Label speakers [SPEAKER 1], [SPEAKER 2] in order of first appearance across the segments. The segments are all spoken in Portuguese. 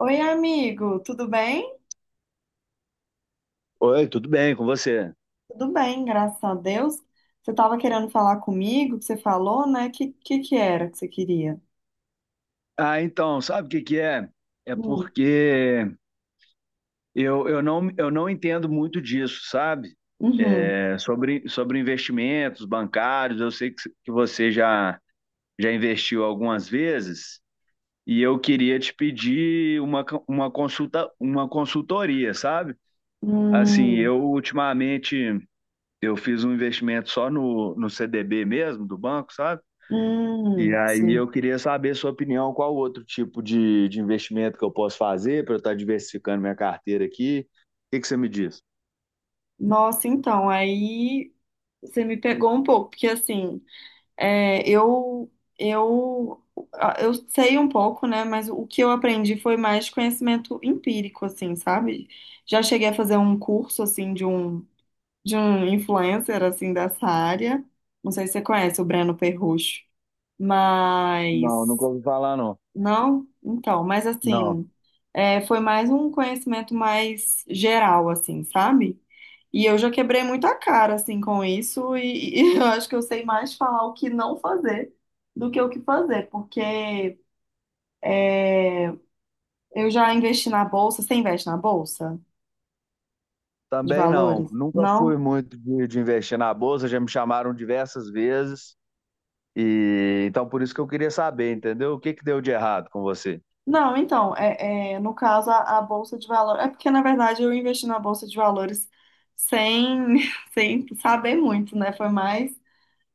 [SPEAKER 1] Oi, amigo, tudo bem?
[SPEAKER 2] Oi, tudo bem com você?
[SPEAKER 1] Tudo bem, graças a Deus. Você estava querendo falar comigo, que você falou, né? Que que era que você queria?
[SPEAKER 2] Ah, então, sabe o que que é? É
[SPEAKER 1] Hum.
[SPEAKER 2] porque eu não entendo muito disso, sabe?
[SPEAKER 1] Uhum.
[SPEAKER 2] É sobre investimentos bancários, eu sei que você já investiu algumas vezes e eu queria te pedir uma consulta, uma consultoria, sabe? Assim,
[SPEAKER 1] Hum.
[SPEAKER 2] eu ultimamente eu fiz um investimento só no CDB mesmo, do banco, sabe? E
[SPEAKER 1] Hum,
[SPEAKER 2] aí eu
[SPEAKER 1] sim.
[SPEAKER 2] queria saber a sua opinião, qual outro tipo de investimento que eu posso fazer para eu estar diversificando minha carteira aqui? O que que você me diz?
[SPEAKER 1] Nossa, então, aí você me pegou um pouco, porque assim, é, eu, eu, eu sei um pouco, né? Mas o que eu aprendi foi mais de conhecimento empírico, assim, sabe? Já cheguei a fazer um curso, assim, de um influencer assim dessa área. Não sei se você conhece o Breno Perrucho,
[SPEAKER 2] Não, nunca
[SPEAKER 1] mas
[SPEAKER 2] ouvi falar, não.
[SPEAKER 1] não, então, mas
[SPEAKER 2] Não.
[SPEAKER 1] assim, foi mais um conhecimento mais geral assim, sabe? E eu já quebrei muita cara assim com isso e eu acho que eu sei mais falar o que não fazer do que o que fazer, porque eu já investi na bolsa, você investe na bolsa de
[SPEAKER 2] Também não.
[SPEAKER 1] valores?
[SPEAKER 2] Nunca fui
[SPEAKER 1] Não?
[SPEAKER 2] muito de investir na bolsa, já me chamaram diversas vezes. E então por isso que eu queria saber, entendeu? O que que deu de errado com você?
[SPEAKER 1] Não, então, no caso, a Bolsa de Valores. É porque, na verdade, eu investi na Bolsa de Valores sem, sem saber muito, né? Foi mais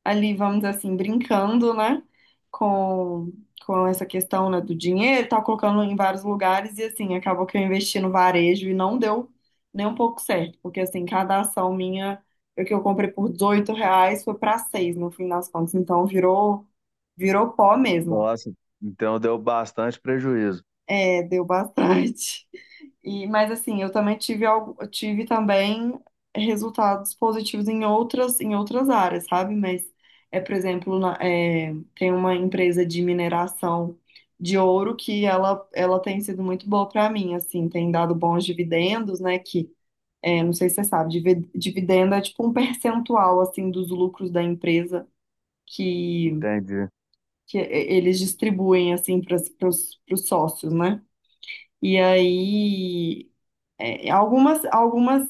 [SPEAKER 1] ali, vamos dizer assim, brincando, né? Com, com essa questão, né, do dinheiro, tá colocando em vários lugares e, assim, acabou que eu investi no varejo e não deu nem um pouco certo, porque, assim, cada ação minha, o que eu comprei por R$ 18 foi para 6 no fim das contas, então virou pó mesmo.
[SPEAKER 2] Nossa, então deu bastante prejuízo.
[SPEAKER 1] É, deu bastante. E, mas assim, eu também tive algo, eu tive também resultados positivos em outras, áreas, sabe? Mas por exemplo, tem uma empresa de mineração de ouro que ela tem sido muito boa para mim, assim, tem dado bons dividendos, né? Não sei se você sabe, dividendo é tipo um percentual assim dos lucros da empresa que,
[SPEAKER 2] Entendi.
[SPEAKER 1] que eles distribuem assim para os sócios, né? E aí algumas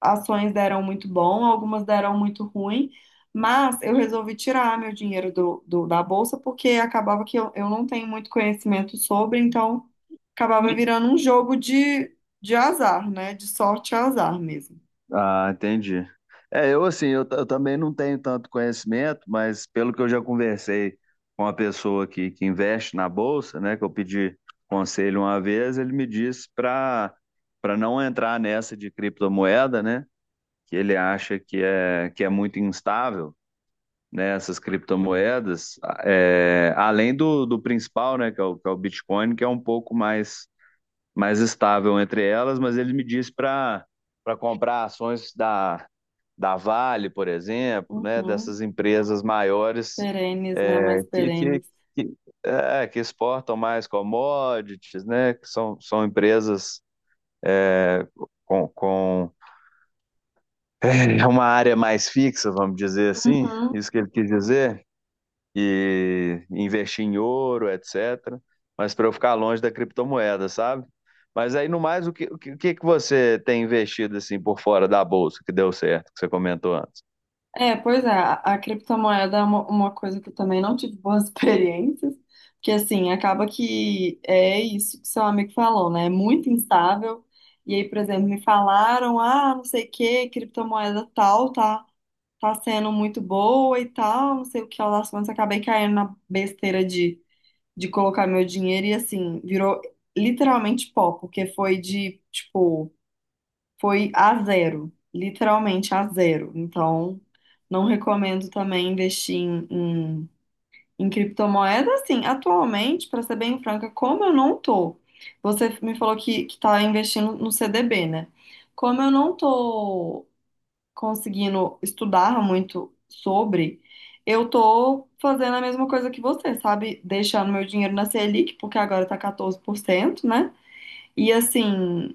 [SPEAKER 1] ações deram muito bom, algumas deram muito ruim, mas eu resolvi tirar meu dinheiro da bolsa porque acabava que eu não tenho muito conhecimento sobre, então acabava virando um jogo de, azar, né? De sorte e azar mesmo.
[SPEAKER 2] Ah, entendi. É, eu assim, eu também não tenho tanto conhecimento, mas pelo que eu já conversei com uma pessoa que investe na bolsa, né, que eu pedi conselho uma vez, ele me disse para não entrar nessa de criptomoeda, né, que ele acha que é muito instável, né, essas criptomoedas, é, além do principal, né, que é o Bitcoin, que é um pouco mais estável entre elas, mas ele me disse para comprar ações da Vale, por exemplo, né,
[SPEAKER 1] Uhum.
[SPEAKER 2] dessas empresas maiores
[SPEAKER 1] Perenes, né? Mais
[SPEAKER 2] que, que,
[SPEAKER 1] perenes.
[SPEAKER 2] que, que exportam mais commodities, né, que são empresas é, com uma área mais fixa, vamos dizer assim,
[SPEAKER 1] Uhum.
[SPEAKER 2] isso que ele quis dizer, e investir em ouro, etc., mas para eu ficar longe da criptomoeda, sabe? Mas aí, no mais, o que que você tem investido assim por fora da bolsa que deu certo, que você comentou antes?
[SPEAKER 1] É, pois é, a criptomoeda é uma coisa que eu também não tive boas experiências, porque assim, acaba que é isso que seu amigo falou, né? É muito instável. E aí, por exemplo, me falaram, ah, não sei o que, criptomoeda tal, tá sendo muito boa e tal, não sei o que lá das contas, acabei caindo na besteira de, colocar meu dinheiro e assim, virou literalmente pó, porque foi de, tipo. Foi a zero, literalmente a zero. Então, não recomendo também investir em criptomoeda. Assim, atualmente, para ser bem franca, como eu não tô, você me falou que tá investindo no CDB, né? Como eu não tô conseguindo estudar muito sobre, eu tô fazendo a mesma coisa que você, sabe? Deixando meu dinheiro na Selic, porque agora tá 14%, né? E assim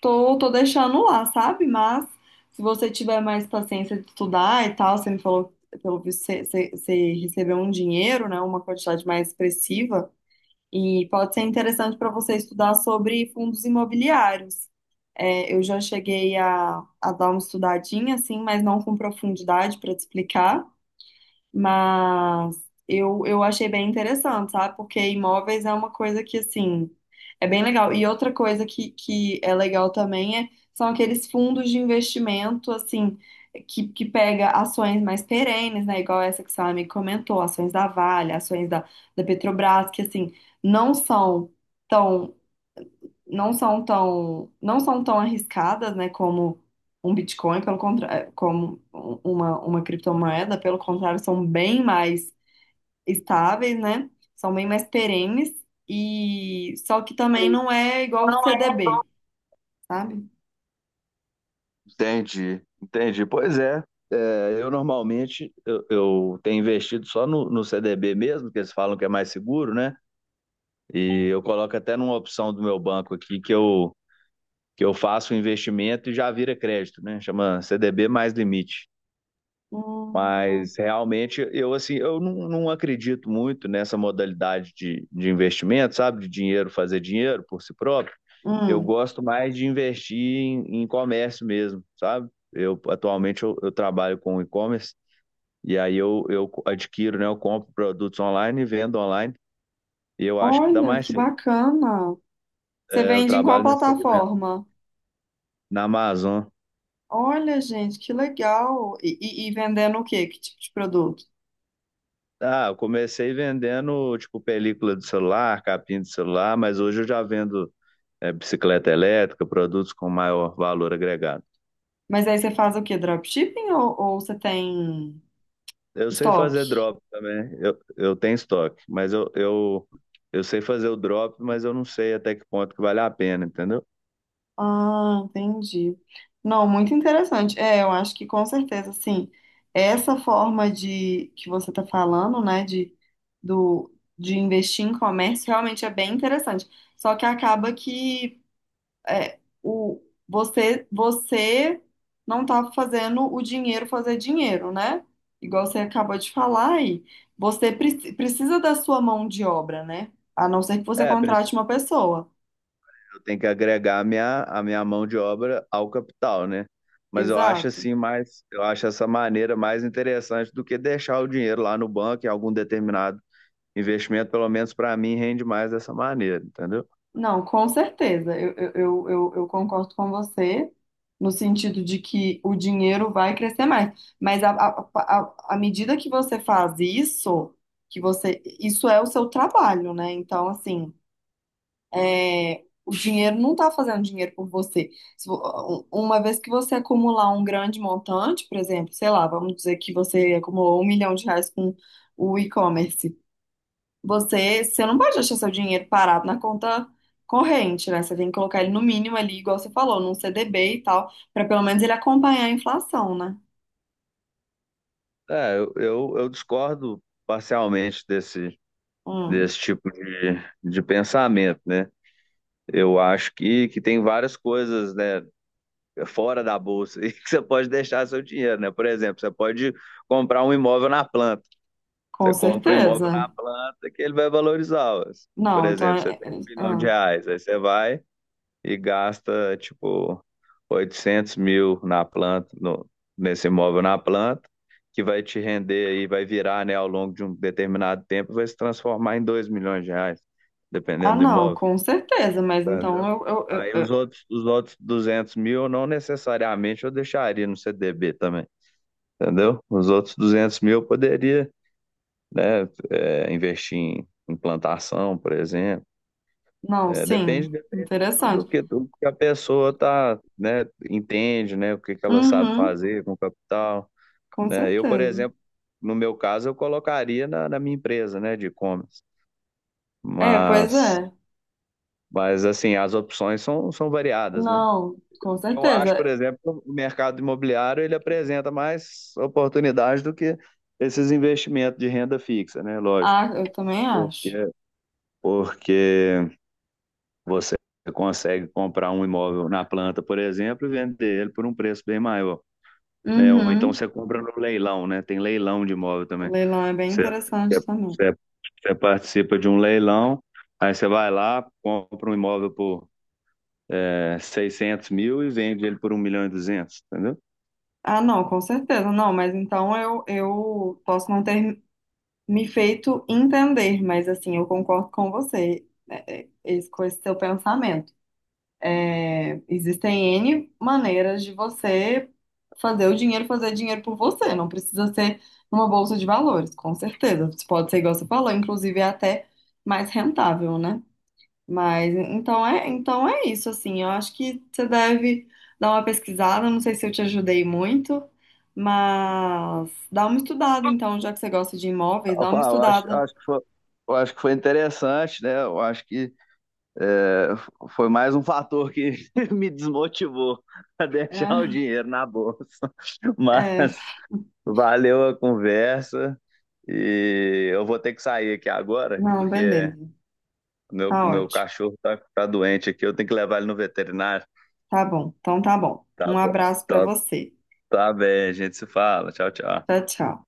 [SPEAKER 1] tô deixando lá, sabe? Mas se você tiver mais paciência de estudar e tal, você me falou, que, pelo visto, você recebeu um dinheiro, né? Uma quantidade mais expressiva. E pode ser interessante para você estudar sobre fundos imobiliários. É, eu já cheguei a dar uma estudadinha, assim, mas não com profundidade para te explicar. Mas eu achei bem interessante, sabe? Porque imóveis é uma coisa que, assim, é bem legal. E outra coisa que é legal também são aqueles fundos de investimento, assim, que pega ações mais perenes, né? Igual essa que o seu amigo comentou, ações da Vale, ações da Petrobras, que, assim, não são tão arriscadas, né, como um Bitcoin, pelo contrário, como uma criptomoeda, pelo contrário, são bem mais estáveis, né? São bem mais perenes e só que também não é igual o CDB, sabe?
[SPEAKER 2] Entendi, entendi. Pois é. Eu normalmente eu tenho investido só no CDB mesmo, que eles falam que é mais seguro, né? E eu coloco até numa opção do meu banco aqui que eu faço o investimento e já vira crédito, né? Chama CDB mais limite.
[SPEAKER 1] Hum,
[SPEAKER 2] Mas realmente eu assim, eu não, não acredito muito nessa modalidade de investimento, sabe? De dinheiro fazer dinheiro por si próprio. Eu
[SPEAKER 1] hum.
[SPEAKER 2] gosto mais de investir em comércio mesmo, sabe? Eu atualmente eu trabalho com e-commerce e aí eu adquiro, né? Eu compro produtos online e vendo online. E eu acho que dá
[SPEAKER 1] Olha,
[SPEAKER 2] mais
[SPEAKER 1] que
[SPEAKER 2] certo.
[SPEAKER 1] bacana. Você
[SPEAKER 2] Eu
[SPEAKER 1] vende em qual
[SPEAKER 2] trabalho nesse segmento,
[SPEAKER 1] plataforma?
[SPEAKER 2] na Amazon.
[SPEAKER 1] Olha, gente, que legal. E vendendo o quê? Que tipo de produto?
[SPEAKER 2] Ah, eu comecei vendendo, tipo, película de celular, capinha de celular, mas hoje eu já vendo, bicicleta elétrica, produtos com maior valor agregado.
[SPEAKER 1] Mas aí você faz o quê? Dropshipping ou você tem.
[SPEAKER 2] Eu sei fazer
[SPEAKER 1] Estoque.
[SPEAKER 2] drop também, eu tenho estoque, mas eu sei fazer o drop, mas eu não sei até que ponto que vale a pena, entendeu?
[SPEAKER 1] Ah, entendi. Não, muito interessante. É, eu acho que com certeza, assim, essa forma de que você está falando, né, do, de investir em comércio realmente é bem interessante. Só que acaba que é, o, você não está fazendo o dinheiro fazer dinheiro, né? Igual você acabou de falar aí. Você precisa da sua mão de obra, né? A não ser que você
[SPEAKER 2] É, prin-
[SPEAKER 1] contrate uma pessoa.
[SPEAKER 2] tem que agregar a minha mão de obra ao capital, né? Mas
[SPEAKER 1] Exato.
[SPEAKER 2] eu acho essa maneira mais interessante do que deixar o dinheiro lá no banco em algum determinado investimento, pelo menos para mim, rende mais dessa maneira, entendeu?
[SPEAKER 1] Não, com certeza. Eu concordo com você no sentido de que o dinheiro vai crescer mais. Mas à medida que você faz isso, isso é o seu trabalho, né? Então, assim, o dinheiro não está fazendo dinheiro por você. Se vo- uma vez que você acumular um grande montante, por exemplo, sei lá, vamos dizer que você acumulou 1 milhão de reais com o e-commerce. Você não pode deixar seu dinheiro parado na conta corrente, né? Você tem que colocar ele no mínimo ali, igual você falou, num CDB e tal, para pelo menos ele acompanhar a inflação, né?
[SPEAKER 2] É, eu discordo parcialmente desse,
[SPEAKER 1] Hum,
[SPEAKER 2] desse tipo de pensamento, né? Eu acho que tem várias coisas, né, fora da bolsa e que você pode deixar seu dinheiro, né? Por exemplo, você pode comprar um imóvel na planta.
[SPEAKER 1] com
[SPEAKER 2] Você compra um imóvel
[SPEAKER 1] certeza.
[SPEAKER 2] na planta que ele vai valorizar. Ó. Por
[SPEAKER 1] Não, então.
[SPEAKER 2] exemplo, você tem um milhão de
[SPEAKER 1] Ah,
[SPEAKER 2] reais, aí você vai e gasta, tipo, 800 mil na planta, nesse imóvel na planta, que vai te render aí, vai virar, né, ao longo de um determinado tempo, vai se transformar em 2 milhões de reais,
[SPEAKER 1] Ah,
[SPEAKER 2] dependendo do
[SPEAKER 1] não,
[SPEAKER 2] imóvel,
[SPEAKER 1] com certeza, mas então,
[SPEAKER 2] entendeu? Aí os outros, os outros 200 mil, não necessariamente eu deixaria no CDB também, entendeu? Os outros 200 mil eu poderia, né? É, investir em plantação, por exemplo.
[SPEAKER 1] Não,
[SPEAKER 2] É,
[SPEAKER 1] sim,
[SPEAKER 2] depende do
[SPEAKER 1] interessante.
[SPEAKER 2] que, do que a pessoa tá, né, entende, né, o que que ela sabe
[SPEAKER 1] Uhum,
[SPEAKER 2] fazer com o capital,
[SPEAKER 1] com
[SPEAKER 2] né? Eu,
[SPEAKER 1] certeza.
[SPEAKER 2] por exemplo, no meu caso, eu colocaria na minha empresa, né, de e-commerce.
[SPEAKER 1] É, pois
[SPEAKER 2] Mas,
[SPEAKER 1] é.
[SPEAKER 2] mas assim, as opções são variadas, né?
[SPEAKER 1] Não, com
[SPEAKER 2] Eu acho, por
[SPEAKER 1] certeza.
[SPEAKER 2] exemplo, que o mercado imobiliário ele apresenta mais oportunidades do que esses investimentos de renda fixa, né? Lógico,
[SPEAKER 1] Ah, eu também acho.
[SPEAKER 2] porque, porque você consegue comprar um imóvel na planta, por exemplo, e vender ele por um preço bem maior. Né? Ou então
[SPEAKER 1] Uhum.
[SPEAKER 2] você compra no leilão, né? Tem leilão de imóvel
[SPEAKER 1] O
[SPEAKER 2] também.
[SPEAKER 1] leilão é bem
[SPEAKER 2] Você, você,
[SPEAKER 1] interessante também.
[SPEAKER 2] você- você participa de um leilão, aí você vai lá, compra um imóvel por 600 mil e vende ele por um milhão e duzentos, entendeu?
[SPEAKER 1] Ah, não, com certeza, não, mas então eu posso não ter me feito entender, mas assim, eu concordo com você, com esse seu pensamento. É, existem N maneiras de você fazer o dinheiro fazer dinheiro por você, não precisa ser numa bolsa de valores, com certeza. Pode ser igual você falou, inclusive é até mais rentável, né? Mas então é isso, assim. Eu acho que você deve dar uma pesquisada. Não sei se eu te ajudei muito, mas dá uma estudada, então, já que você gosta de imóveis,
[SPEAKER 2] Eu
[SPEAKER 1] dá uma
[SPEAKER 2] falo, eu acho, eu
[SPEAKER 1] estudada.
[SPEAKER 2] acho que foi, interessante, né? Eu acho que é, foi mais um fator que me desmotivou a deixar o dinheiro na bolsa. Mas
[SPEAKER 1] É, é.
[SPEAKER 2] valeu a conversa. E eu vou ter que sair aqui agora,
[SPEAKER 1] Não,
[SPEAKER 2] porque
[SPEAKER 1] beleza.
[SPEAKER 2] meu,
[SPEAKER 1] Tá
[SPEAKER 2] meu
[SPEAKER 1] ótimo.
[SPEAKER 2] cachorro tá doente aqui. Eu tenho que levar ele no veterinário.
[SPEAKER 1] Tá bom. Então tá bom.
[SPEAKER 2] Tá
[SPEAKER 1] Um
[SPEAKER 2] bom.
[SPEAKER 1] abraço pra
[SPEAKER 2] Então,
[SPEAKER 1] você.
[SPEAKER 2] tá bem, a gente se fala. Tchau, tchau.
[SPEAKER 1] Tchau, tchau.